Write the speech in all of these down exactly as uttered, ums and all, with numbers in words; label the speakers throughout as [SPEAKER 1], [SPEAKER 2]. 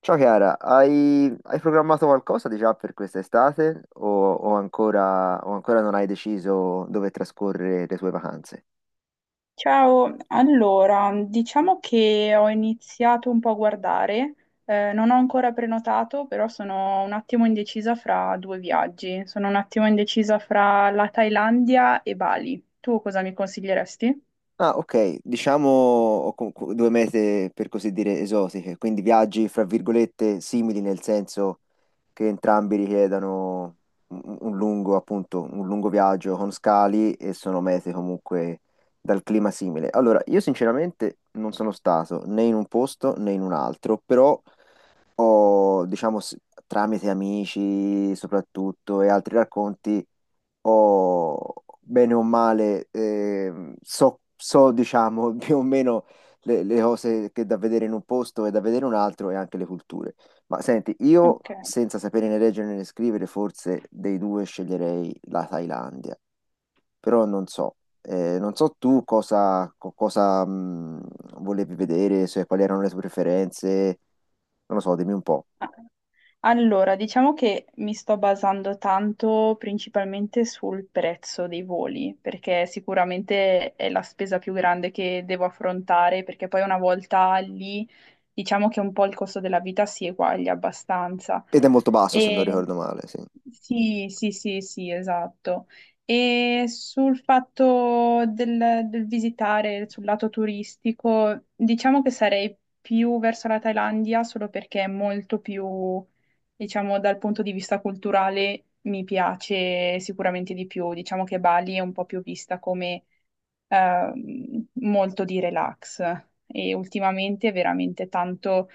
[SPEAKER 1] Ciao Chiara, hai, hai programmato qualcosa di già per quest'estate o, o ancora, o ancora non hai deciso dove trascorrere le tue vacanze?
[SPEAKER 2] Ciao, allora, diciamo che ho iniziato un po' a guardare, eh, non ho ancora prenotato, però sono un attimo indecisa fra due viaggi, sono un attimo indecisa fra la Thailandia e Bali. Tu cosa mi consiglieresti?
[SPEAKER 1] Ah, ok, diciamo ho co- co- due mete per così dire esotiche, quindi viaggi fra virgolette simili nel senso che entrambi richiedano un, un lungo, appunto, un lungo viaggio con scali e sono mete comunque dal clima simile. Allora, io sinceramente non sono stato né in un posto né in un altro, però ho, diciamo, s- tramite amici soprattutto e altri racconti, ho bene o male, ehm, so, so, diciamo, più o meno le, le cose che da vedere in un posto e da vedere in un altro e anche le culture. Ma senti, io
[SPEAKER 2] Ok.
[SPEAKER 1] senza sapere né leggere né scrivere, forse dei due sceglierei la Thailandia, però non so. Eh, non so tu cosa, co- cosa, mh, volevi vedere, se- quali erano le tue preferenze, non lo so, dimmi un po'.
[SPEAKER 2] Allora, diciamo che mi sto basando tanto principalmente sul prezzo dei voli, perché sicuramente è la spesa più grande che devo affrontare, perché poi una volta lì, diciamo che un po' il costo della vita si eguaglia abbastanza.
[SPEAKER 1] Ed è molto basso se non
[SPEAKER 2] E
[SPEAKER 1] ricordo male, sì.
[SPEAKER 2] sì, sì, sì, sì, esatto. E sul fatto del, del visitare sul lato turistico, diciamo che sarei più verso la Thailandia solo perché è molto più, diciamo, dal punto di vista culturale mi piace sicuramente di più. Diciamo che Bali è un po' più vista come ehm, molto di relax e ultimamente è veramente tanto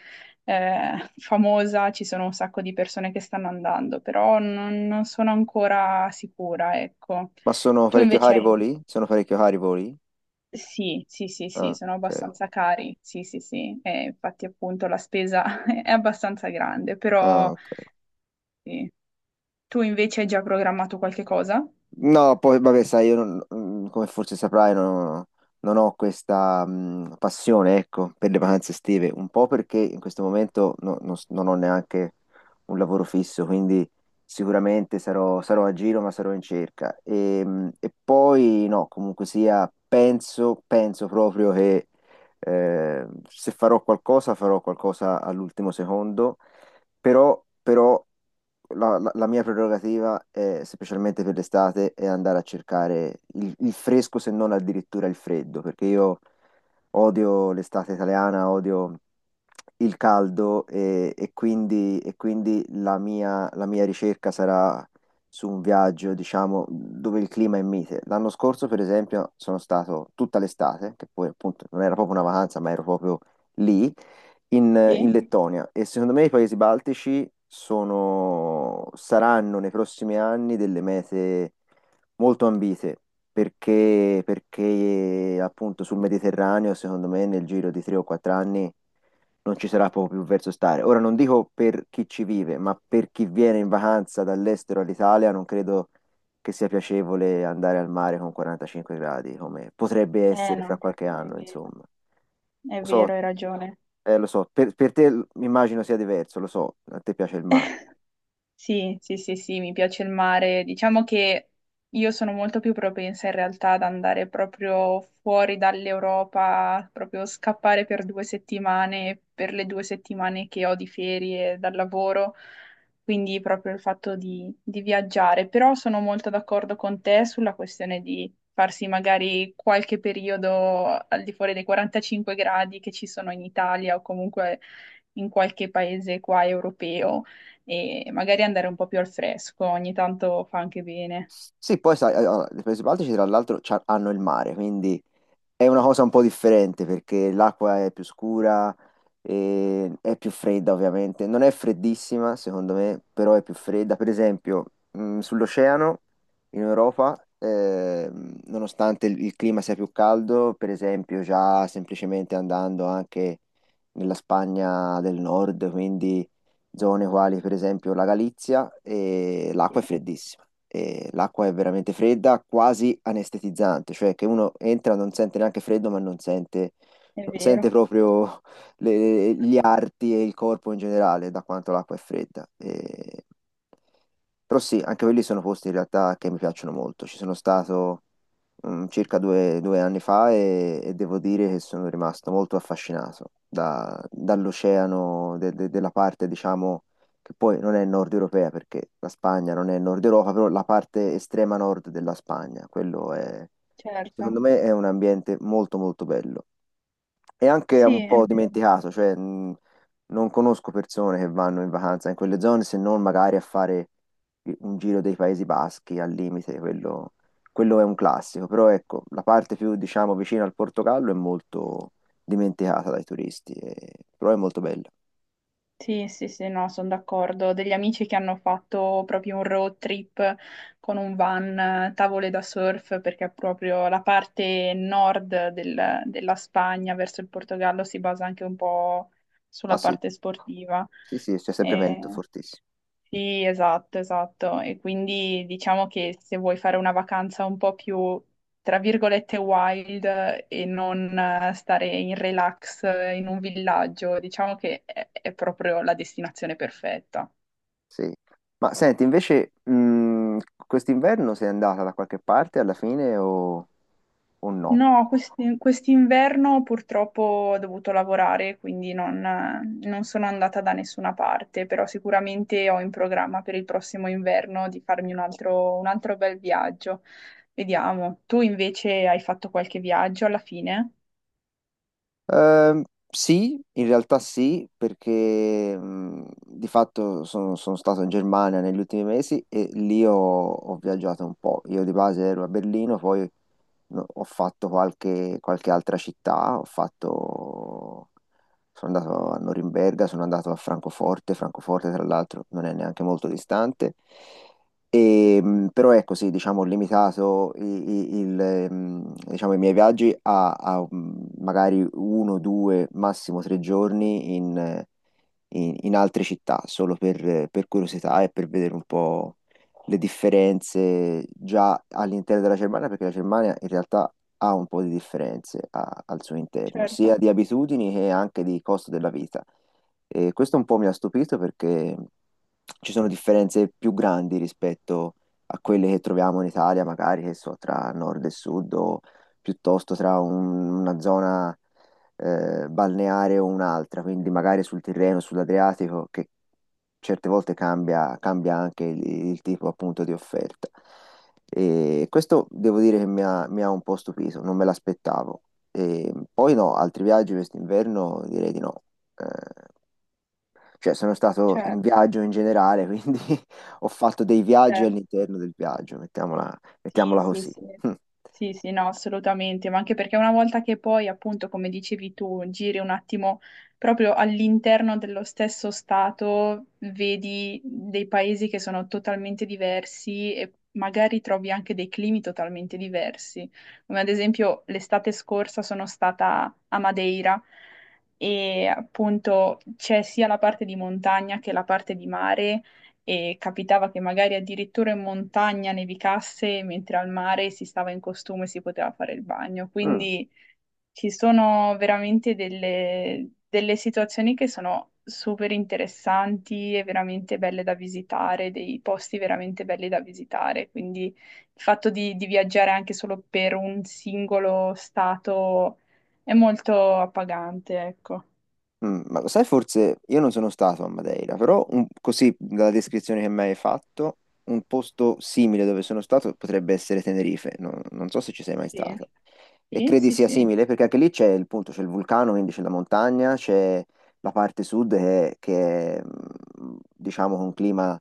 [SPEAKER 2] eh, famosa, ci sono un sacco di persone che stanno andando, però non, non sono ancora sicura, ecco.
[SPEAKER 1] Ma sono
[SPEAKER 2] Tu
[SPEAKER 1] parecchio
[SPEAKER 2] invece
[SPEAKER 1] cari i
[SPEAKER 2] hai...
[SPEAKER 1] voli? Sono parecchio cari i voli?
[SPEAKER 2] Sì, sì, sì, sì,
[SPEAKER 1] Ah,
[SPEAKER 2] sono
[SPEAKER 1] ok.
[SPEAKER 2] abbastanza cari, sì, sì, sì, eh, infatti appunto la spesa è abbastanza grande,
[SPEAKER 1] Ah,
[SPEAKER 2] però
[SPEAKER 1] ok.
[SPEAKER 2] sì. Tu invece hai già programmato qualche cosa?
[SPEAKER 1] No, poi vabbè, sai, io non- mm, come forse saprai, non, non ho questa mm, passione, ecco, per le vacanze estive, un po' perché in questo momento no- non, s- non ho neanche un lavoro fisso, quindi sicuramente sarò, sarò a giro, ma sarò in cerca. E, mm, e poi no, comunque sia, penso, penso proprio che eh, se farò qualcosa, farò qualcosa all'ultimo secondo però, però la, la- la mia prerogativa, è, specialmente per l'estate, è andare a cercare il, il fresco, se non addirittura il freddo, perché io odio l'estate italiana, odio il caldo e, e quindi, e quindi la mia, la mia ricerca sarà su un viaggio, diciamo, dove il clima è mite. L'anno scorso, per esempio, sono stato tutta l'estate, che poi appunto non era proprio una vacanza, ma ero proprio lì, in,
[SPEAKER 2] Sì?
[SPEAKER 1] in Lettonia. E secondo me i paesi baltici sono, saranno nei prossimi anni delle mete molto ambite perché, perché appunto sul Mediterraneo, secondo me, nel giro di tre o quattro anni non ci sarà proprio più verso stare. Ora non dico per chi ci vive, ma per chi viene in vacanza dall'estero all'Italia, non credo che sia piacevole andare al mare con quarantacinque gradi, come potrebbe
[SPEAKER 2] Eh
[SPEAKER 1] essere fra
[SPEAKER 2] no,
[SPEAKER 1] qualche
[SPEAKER 2] è
[SPEAKER 1] anno,
[SPEAKER 2] vero,
[SPEAKER 1] insomma.
[SPEAKER 2] è
[SPEAKER 1] Lo
[SPEAKER 2] vero,
[SPEAKER 1] so,
[SPEAKER 2] hai ragione.
[SPEAKER 1] eh, lo so, per, per te l- mi immagino sia diverso, lo so, a te piace il mare.
[SPEAKER 2] Sì, sì, sì, sì, mi piace il mare. Diciamo che io sono molto più propensa in realtà ad andare proprio fuori dall'Europa, proprio scappare per due settimane, per le due settimane che ho di ferie dal lavoro, quindi proprio il fatto di, di viaggiare. Però sono molto d'accordo con te sulla questione di farsi magari qualche periodo al di fuori dei quarantacinque gradi che ci sono in Italia o comunque in qualche paese qua europeo e magari andare un po' più al fresco, ogni tanto fa anche bene.
[SPEAKER 1] Sì, poi sai, eh, allora, le Paesi Baltici tra l'altro c'ha- hanno il mare, quindi è una cosa un po' differente perché l'acqua è più scura, e è più fredda ovviamente, non è freddissima secondo me, però è più fredda. Per esempio, mh, sull'oceano in Europa, ehm, nonostante il, il clima sia più caldo, per esempio già semplicemente andando anche nella Spagna del nord, quindi zone quali per esempio la Galizia, e
[SPEAKER 2] Sì,
[SPEAKER 1] l'acqua è freddissima. E l'acqua è veramente fredda, quasi anestetizzante, cioè che uno entra non sente neanche freddo, ma non sente
[SPEAKER 2] è
[SPEAKER 1] non sente
[SPEAKER 2] vero,
[SPEAKER 1] proprio le- gli arti e il corpo in generale, da quanto l'acqua è fredda. E- Però sì, anche quelli sono posti in realtà che mi piacciono molto. Ci sono stato mm, circa due, due anni fa e, e devo dire che sono rimasto molto affascinato da- dall'oceano, de- de- della parte, diciamo, che poi non è nord europea perché la Spagna non è nord Europa, però la parte estrema nord della Spagna, quello è,
[SPEAKER 2] certo.
[SPEAKER 1] secondo me, è un ambiente molto molto bello è anche
[SPEAKER 2] Sì,
[SPEAKER 1] un
[SPEAKER 2] è
[SPEAKER 1] po'
[SPEAKER 2] vero.
[SPEAKER 1] dimenticato, cioè mh, non conosco persone che vanno in vacanza in quelle zone se non magari a fare un giro dei Paesi Baschi al limite, quello, quello è un classico, però ecco, la parte più diciamo vicina al Portogallo è molto dimenticata dai turisti, e- però è molto bella.
[SPEAKER 2] Sì, sì, sì, no, sono d'accordo. Ho degli amici che hanno fatto proprio un road trip con un van, eh, tavole da surf, perché proprio la parte nord del- della Spagna verso il Portogallo si basa anche un po'
[SPEAKER 1] Ah
[SPEAKER 2] sulla
[SPEAKER 1] sì,
[SPEAKER 2] parte sportiva.
[SPEAKER 1] sì, sì, c'è sempre vento fortissimo.
[SPEAKER 2] Sì, esatto, esatto. E quindi diciamo che se vuoi fare una vacanza un po' più, tra virgolette, wild eh, e non eh, stare in relax eh, in un villaggio, diciamo che è, è proprio la destinazione perfetta.
[SPEAKER 1] Sì. Ma senti, invece, mh, quest'inverno sei andata da qualche parte alla fine o, o no?
[SPEAKER 2] No, questi- quest'inverno purtroppo ho dovuto lavorare, quindi non, non sono andata da nessuna parte, però sicuramente ho in programma per il prossimo inverno di farmi un altro, un altro bel viaggio. Vediamo. Tu invece hai fatto qualche viaggio alla fine?
[SPEAKER 1] Ehm, sì, in realtà sì, perché mh, di fatto sono, sono stato in Germania negli ultimi mesi e lì ho, ho viaggiato un po'. Io di base ero a Berlino, poi no, ho fatto qualche, qualche altra città, ho fatto sono andato a Norimberga, sono andato a Francoforte, Francoforte tra l'altro non è neanche molto distante. E, mh, però ecco, sì, diciamo, ho limitato i, i- il, ehm, diciamo, i miei viaggi a, a, mh, magari uno, due, massimo tre giorni in, in, in altre città, solo per, per curiosità e per vedere un po' le, differenze già all'interno della Germania, perché la Germania in realtà ha un po' di differenze a- al suo interno,
[SPEAKER 2] Certo,
[SPEAKER 1] sia di abitudini che anche di costo della vita. E questo un po' mi ha stupito perché ci sono differenze più grandi rispetto a quelle che troviamo in Italia, magari che so, tra nord e sud o piuttosto tra un- una zona eh, balneare o un'altra, quindi magari sul Tirreno, sull'Adriatico, che certe volte cambia, cambia anche il, il tipo appunto di offerta. E questo devo dire che mi ha, mi ha un po' stupito, non me l'aspettavo. E poi no, altri viaggi quest'inverno direi di no. Eh, cioè sono stato in
[SPEAKER 2] certo.
[SPEAKER 1] viaggio in generale, quindi ho fatto dei viaggi
[SPEAKER 2] Certo.
[SPEAKER 1] all'interno del viaggio, mettiamola,
[SPEAKER 2] Sì,
[SPEAKER 1] mettiamola
[SPEAKER 2] sì,
[SPEAKER 1] così.
[SPEAKER 2] sì, sì, sì, no, assolutamente, ma anche perché una volta che poi, appunto, come dicevi tu, giri un attimo proprio all'interno dello stesso stato, vedi dei paesi che sono totalmente diversi e magari trovi anche dei climi totalmente diversi. Come ad esempio l'estate scorsa sono stata a Madeira e appunto c'è sia la parte di montagna che la parte di mare e capitava che magari addirittura in montagna nevicasse, mentre al mare si stava in costume e si poteva fare il bagno.
[SPEAKER 1] Mm.
[SPEAKER 2] Quindi ci sono veramente delle, delle situazioni che sono super interessanti e veramente belle da visitare, dei posti veramente belli da visitare. Quindi il fatto di, di viaggiare anche solo per un singolo stato è molto appagante, ecco.
[SPEAKER 1] Mm, ma lo sai, forse io non sono stato a Madeira, però un- così dalla descrizione che mi hai fatto, un posto simile dove sono stato potrebbe essere Tenerife, non, non so se ci sei mai
[SPEAKER 2] Sì.
[SPEAKER 1] stata. E
[SPEAKER 2] Sì,
[SPEAKER 1] credi
[SPEAKER 2] sì,
[SPEAKER 1] sia
[SPEAKER 2] sì,
[SPEAKER 1] simile perché anche lì c'è il punto, c'è il vulcano, quindi c'è la montagna, c'è la parte sud che, che è, mm, diciamo, con un clima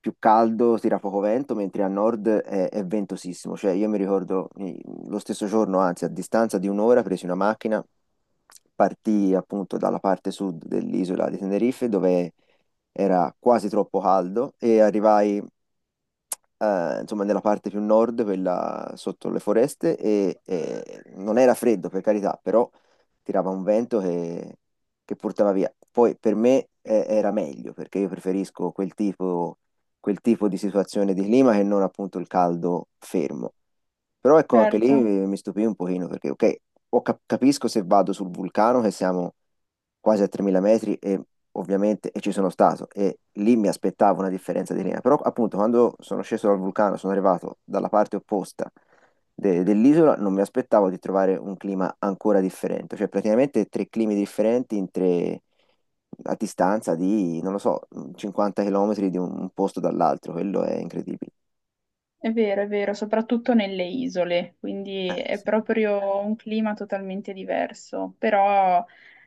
[SPEAKER 1] più caldo, tira poco vento, mentre a nord è, è ventosissimo. Cioè, io mi ricordo eh, lo stesso giorno, anzi, a distanza di un'ora, presi una macchina, partii appunto dalla parte sud dell'isola di Tenerife, dove era quasi troppo caldo, e arrivai, eh, insomma, nella parte più nord, quella sotto le foreste, e, e non era freddo, per carità, però tirava un vento che, che portava via. Poi per me eh,
[SPEAKER 2] sì, sì.
[SPEAKER 1] era meglio, perché io preferisco quel tipo quel tipo di situazione di clima che non appunto il caldo fermo. Però ecco, anche lì
[SPEAKER 2] Certo.
[SPEAKER 1] eh, mi stupì un pochino perché, ok, ho cap- capisco se vado sul vulcano che siamo quasi a tremila metri e ovviamente e ci sono stato e lì mi aspettavo una differenza di linea, però appunto quando sono sceso dal vulcano, sono arrivato dalla parte opposta de- dell'isola, non mi aspettavo di trovare un clima ancora differente, cioè praticamente tre climi differenti in tre, a distanza di, non lo so, cinquanta chilometri di un posto dall'altro, quello è incredibile.
[SPEAKER 2] È vero, è vero, soprattutto nelle isole,
[SPEAKER 1] Eh,
[SPEAKER 2] quindi è
[SPEAKER 1] sì,
[SPEAKER 2] proprio un clima totalmente diverso, però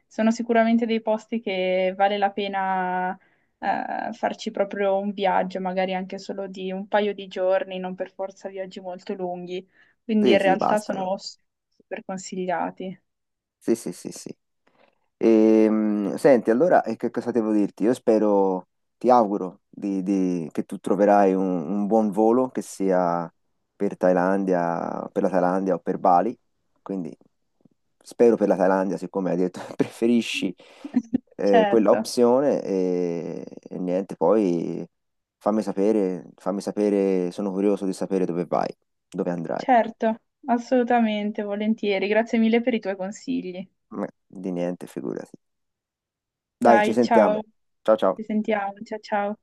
[SPEAKER 2] sono sicuramente dei posti che vale la pena eh, farci proprio un viaggio, magari anche solo di un paio di giorni, non per forza viaggi molto lunghi, quindi
[SPEAKER 1] sì,
[SPEAKER 2] in
[SPEAKER 1] sì,
[SPEAKER 2] realtà
[SPEAKER 1] bastano.
[SPEAKER 2] sono s- super consigliati.
[SPEAKER 1] Sì, sì, sì, sì. Ehm, senti, allora, e che cosa devo dirti? Io spero, ti auguro di- di- che tu troverai un, un buon volo, che sia per Thailandia, per la Thailandia o per Bali. Quindi spero per la Thailandia, siccome hai detto che preferisci eh, quella
[SPEAKER 2] Certo,
[SPEAKER 1] opzione. E, e niente, poi fammi sapere, fammi sapere, sono curioso di sapere dove vai, dove andrai.
[SPEAKER 2] certo, assolutamente, volentieri. Grazie mille per i tuoi consigli.
[SPEAKER 1] Ma di niente, figurati. Dai, ci
[SPEAKER 2] Dai, ciao,
[SPEAKER 1] sentiamo. Ciao ciao.
[SPEAKER 2] ci sentiamo, ciao ciao.